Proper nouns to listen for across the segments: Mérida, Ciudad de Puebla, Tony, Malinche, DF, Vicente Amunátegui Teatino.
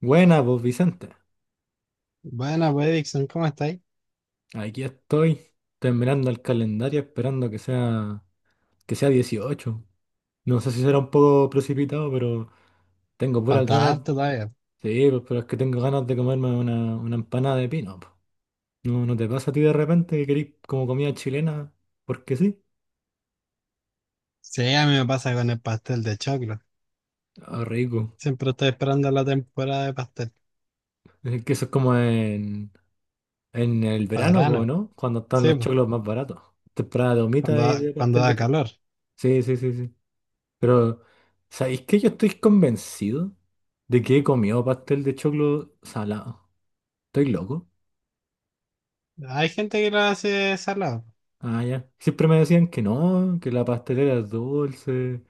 Buena, pues Vicente. Buena, pues, Dixon, ¿cómo estáis? Aquí estoy, terminando el calendario, esperando que sea, 18. No sé si será un poco precipitado, pero tengo puras Falta ganas. harto todavía. Sí, pues, pero es que tengo ganas de comerme una empanada de pino, po. ¿No te pasa a ti de repente que querís como comida chilena? Porque sí. Sí, a mí me pasa con el pastel de choclo. Ah, rico. Siempre estoy esperando la temporada de pastel. Es que eso es como en el Para verano, po, verano. ¿no? Cuando están Sí, los pues, choclos más baratos. Temporada de humita y de cuando pastel de da choclo. calor. Sí, sí, sí, sí. Pero, ¿sabéis que yo estoy convencido de que he comido pastel de choclo salado? ¿Estoy loco? Hay gente que lo hace salado. Ah, ya. Siempre me decían que no, que la pastelera es dulce,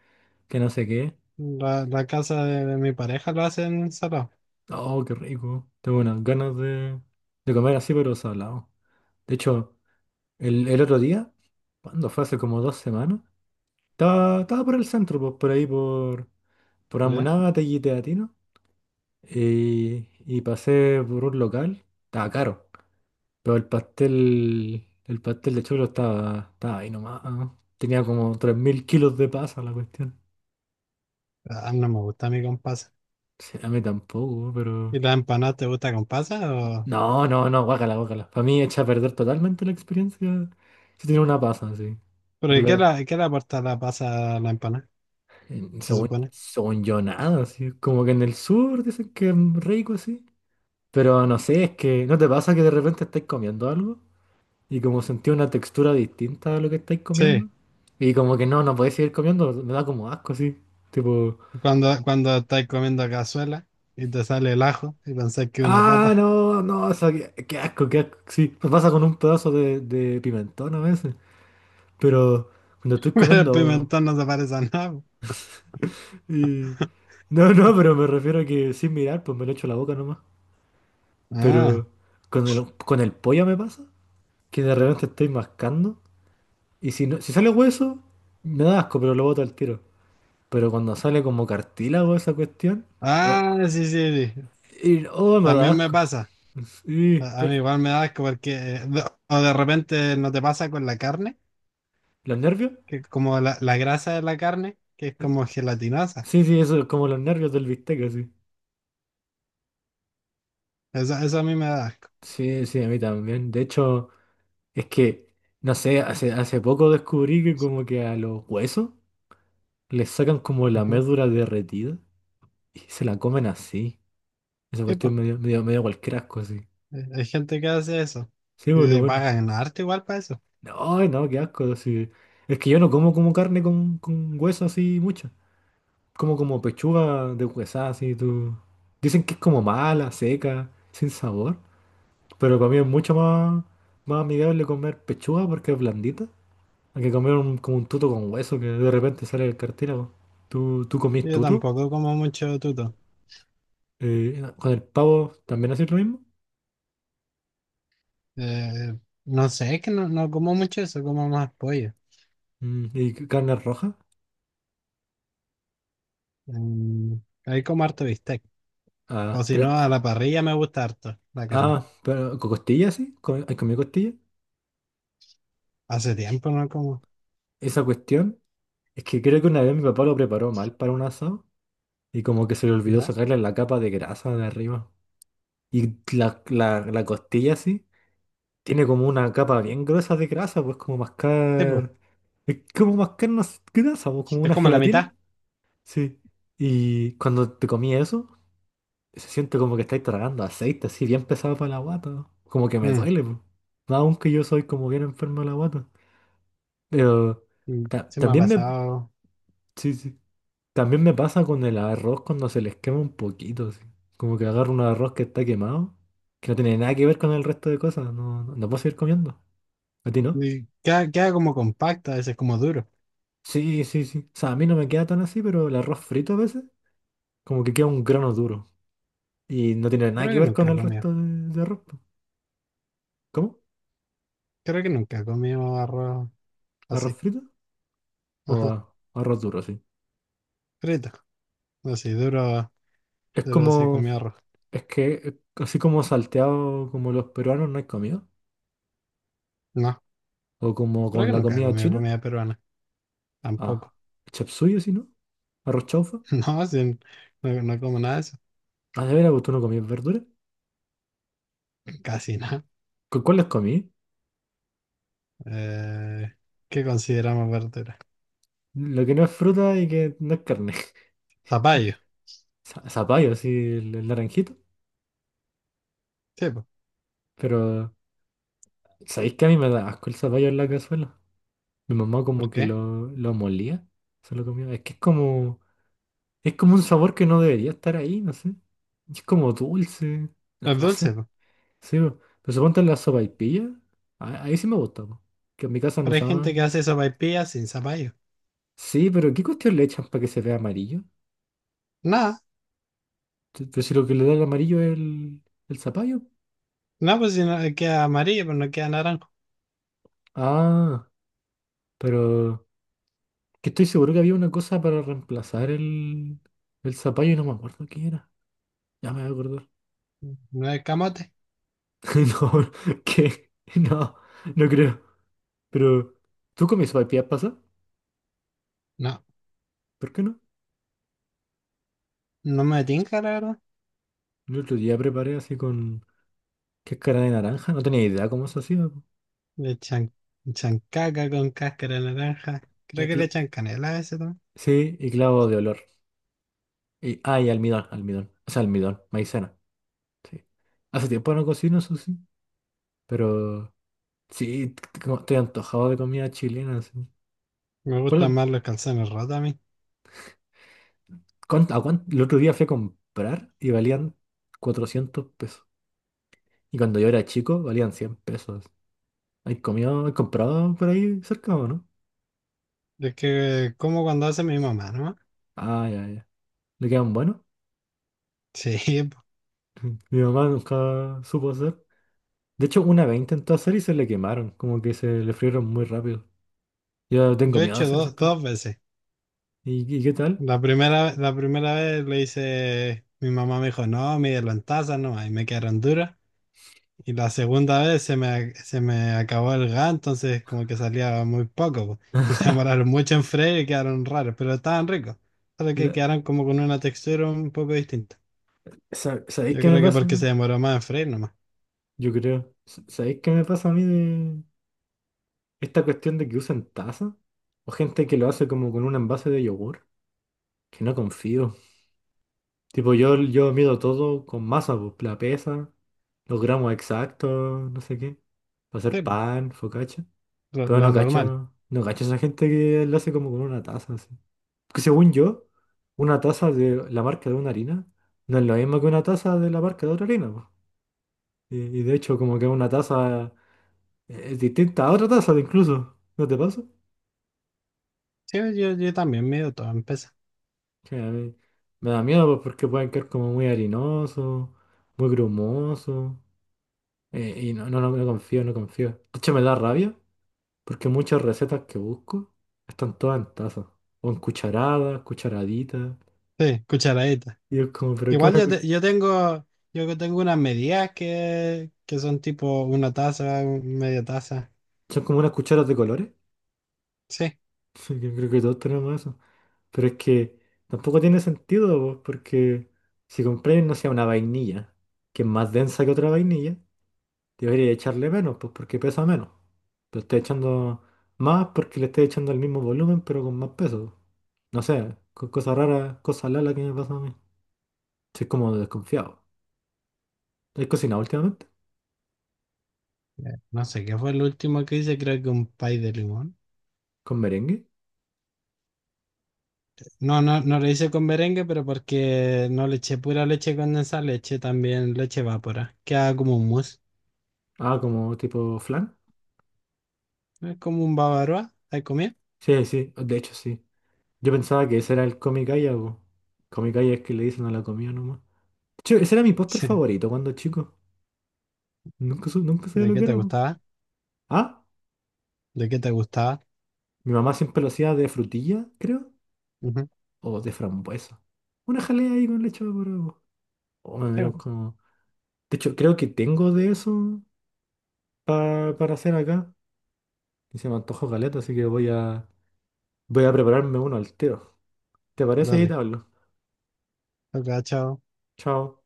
que no sé qué. La casa de mi pareja lo hacen salado. Oh, qué rico. Tengo unas ganas de comer así, pero salado. De hecho, el otro día, cuando fue hace como 2 semanas, estaba por el centro, pues, por ahí, por ¿Ya? Amunátegui y Teatino, y pasé por un local. Estaba caro. Pero el pastel de choclo estaba ahí nomás, ¿no? Tenía como 3.000 kilos de pasa la cuestión. Ah, no me gusta a mí con pasa. Sí, a mí tampoco, pero... ¿Y la empanada te gusta con pasa? O... No, no, no, guácala, guácala. Para mí echa a perder totalmente la experiencia si tiene una pasa así. ¿Pero Al y ver, qué le aporta la pasa a la empanada? Se según, supone. Yo, nada, así. Como que en el sur dicen que es rico así. Pero no sé, es que ¿no te pasa que de repente estés comiendo algo? Y como sentía una textura distinta a lo que estáis comiendo. Sí, Y como que no podéis seguir comiendo, me da como asco así. Tipo, cuando, cuando estáis comiendo cazuela y te sale el ajo y pensás que es una ah, papa. no, no, o sea, qué, qué asco. Sí, me pasa con un pedazo de pimentón a veces. Pero cuando estoy Pero comiendo... pimentón no se parece a nada. y- No, no, pero me refiero a que sin mirar, pues me lo echo a la boca nomás. Ah, Pero con el pollo me pasa, que de repente estoy mascando. Y si, no, si sale hueso, me da asco, pero lo boto al tiro. Pero cuando sale como cartílago esa cuestión, we- ah, sí, sí, sí. Oh, me da También me asco. pasa. Sí, A pero- mí igual me da asco porque, o de repente no te pasa con la carne, ¿los nervios? que como la grasa de la carne, que es como gelatinosa. Sí, sí, eso es como los nervios del bistec, así. Eso a mí me da asco. Sí, sí, a mí también. De hecho, es que, no sé, hace poco descubrí que como que a los huesos les sacan como la Ujú. médula derretida y se la comen así. Esa Sí, po. cuestión me dio cualquier asco así. Hay gente que hace eso. Sí, Y boludo, le bueno. pagan arte igual para eso. No, no, qué asco, así. Es que yo no como como carne con hueso así mucho. Como pechuga de huesada, así tú. Dicen que es como mala, seca, sin sabor. Pero para mí es mucho más amigable comer pechuga porque es blandita. Hay que comer como un tuto con hueso que de repente sale del cartílago. ¿Tú comís Yo tuto? tampoco como mucho tuto. ¿Con el pavo también haces lo mismo? Eh, no sé, es que no, no como mucho eso, como más pollo. ¿Y c- carne roja? Mm, ahí como harto bistec. O Ah, si no, pero, a la parrilla me gusta harto la carne. ah, pero ¿con costillas sí? ¿Con- ¿Hay comido costilla? Hace tiempo no como. Esa cuestión es que creo que una vez mi papá lo preparó mal para un asado y como que se le olvidó ¿Verdad? sacarle la capa de grasa de arriba. Y la costilla así tiene como una capa bien gruesa de grasa, pues como Tipo, mascar. Es como mascar grasa, pues como es una como la gelatina. mitad. Sí. Y cuando te comí eso, se siente como que estáis tragando aceite así, bien pesado para la guata. Como que me Mm, duele, pues. Aunque yo soy como bien enfermo de la guata. Pero se me ha también me. pasado. Sí, sí. También me pasa con el arroz cuando se les quema un poquito, así. Como que agarro un arroz que está quemado, que no tiene nada que ver con el resto de cosas, no puedo seguir comiendo. ¿A ti no? Y queda, queda como compacto, a veces como duro. Sí, sí, sí. O sea, a mí no me queda tan así, pero el arroz frito a veces, como que queda un grano duro. Y no tiene nada Creo que que ver nunca con he el comido. resto de arroz, po. ¿Cómo? Creo que nunca he comido arroz ¿Arroz así. frito? O Ajá. Arroz duro, sí. Frito. Así, duro, Es duro así he como, comido arroz. es que, así como salteado como los peruanos no hay comido. No, O como creo con que la nunca he comida comido china. comida peruana. Ah, Tampoco. chapsuyo, sí, ¿no? Arroz chaufa. No, sí, no, no como nada de eso. Ah, de veras, pues, ¿tú no comías verduras? Casi nada. Cuáles comí? Eh, ¿Qué consideramos verdura? Lo que no es fruta y que no es carne. Zapallo. Zapallo, así, el naranjito. Sí, po. Pero, ¿sabéis que a mí me da asco el zapallo en la cazuela? Mi mamá ¿Por como que qué? lo molía, se lo comía. Es que es como un sabor que no debería estar ahí, no sé. Es como dulce. No, Los no sé. dulces, po. Sí, po. Pero suponte en la sopaipilla, ahí sí me gusta, po. Que en mi casa no Pero hay gente que usaban. hace sopaipillas sin zapallo. Sí, pero ¿qué cuestión le echan para que se vea amarillo? Nada, Pero si lo que le da el amarillo es el zapallo. no, pues si no queda amarillo, pero no queda naranjo. Ah, pero que estoy seguro que había una cosa para reemplazar el zapallo y no me acuerdo qué era. Ya me voy a acordar. No es camote. No, ¿qué? No, no creo. Pero, ¿tú comí sopaipillas pasa? No, ¿Por qué no? no me tinca, la verdad. El otro día preparé así con cáscara de naranja. No tenía idea cómo se hacía, po. Le echan, echan caca con cáscara de naranja. Y Creo que le cla- echan canela a veces también. Sí, y clavo de olor. Y almidón, almidón. O sea, almidón, maicena. Sí. Hace tiempo no cocino, eso sí. Pero... Sí, como estoy antojado de comida chilena, sí. Me gustan ¿Cuál- más los calzones rotos a mí. El otro día fui a comprar y valían 400 pesos. Y cuando yo era chico valían 100 pesos. ¿Hay comido, hay comprado por ahí cerca o no? Es que como cuando hace mi mamá, ¿no? Ah, ya, ya. ¿Le quedan buenos? Sí, po. Mi mamá nunca supo hacer. De hecho, una vez intentó hacer y se le quemaron. Como que se le frieron muy rápido. Yo tengo Yo he miedo de hecho hacer esas cosas. dos veces. ¿Y qué tal? La primera vez le hice, mi mamá me dijo, no, mídelo en taza nomás, y me quedaron duras. Y la segunda vez se me acabó el gas, entonces como que salía muy poco, po. Y se demoraron mucho en freír y quedaron raros, pero estaban ricos. Solo que La- quedaron como con una textura un poco distinta. ¿Sabéis Yo qué me creo que pasa? porque se demoró más en freír nomás. Yo creo. ¿Sabéis qué me pasa a mí de? Esta cuestión de que usan taza o gente que lo hace como con un envase de yogur, que no confío. Tipo, yo mido todo con masa, pues, la pesa, los gramos exactos, no sé qué, para hacer Sí, po, pan, focaccia. Pero lo no normal. cacho, no cacho esa gente que lo hace como con una taza, así. Porque según yo, una taza de la marca de una harina no es lo mismo que una taza de la marca de otra harina, pues. Y de hecho, como que una taza es distinta a otra taza, incluso. ¿No te pasa? Sí, yo también mido todo en peso. Sí, a mí me da miedo pues, porque pueden quedar como muy harinosos, muy grumosos. Y no confío, no confío. De hecho, me da rabia porque muchas recetas que busco están todas en tazas. O en cucharadas, cucharaditas. Sí, cucharadita. Y es como, pero que Igual una yo, yo tengo yo que tengo unas medidas que son tipo una taza, media taza. son como unas cucharas de colores. Sí. Sí, yo creo que todos tenemos eso. Pero es que tampoco tiene sentido, pues, porque si compréis, no sea una vainilla, que es más densa que otra vainilla. Debería echarle menos, pues porque pesa menos. Lo estoy echando más porque le estoy echando el mismo volumen, pero con más peso. No sé, con cosas raras, cosas lala que me pasa a mí. Soy como desconfiado. ¿He cocinado últimamente? No sé qué fue el último que hice, creo que un pay de limón. ¿Con merengue? No, no, no lo hice con merengue, pero porque no le eché pura leche condensada, le eché también leche evapora. Queda como un mousse. Ah, como tipo flan. Es como un bavaroa. ¿Has comido? Sí, sí, de hecho sí. Yo pensaba que ese era el comicaya, o comicaya es que le dicen a la comida nomás. De hecho, ese era mi póster Sí. favorito cuando chico. Nunca sabía ¿De lo qué que te era, po. gustaba? Ah, ¿De qué te gustaba? mi mamá siempre lo hacía de frutilla, creo. Ujú. O de frambuesa. Una jalea ahí con leche evaporada. O me Sí, dieron pues. como. De hecho, creo que tengo de eso para hacer acá. Y se me antojó caleta, así que voy a prepararme uno al tiro. ¿Te parece? Y te Dale. hablo. Ok, chao. Chao.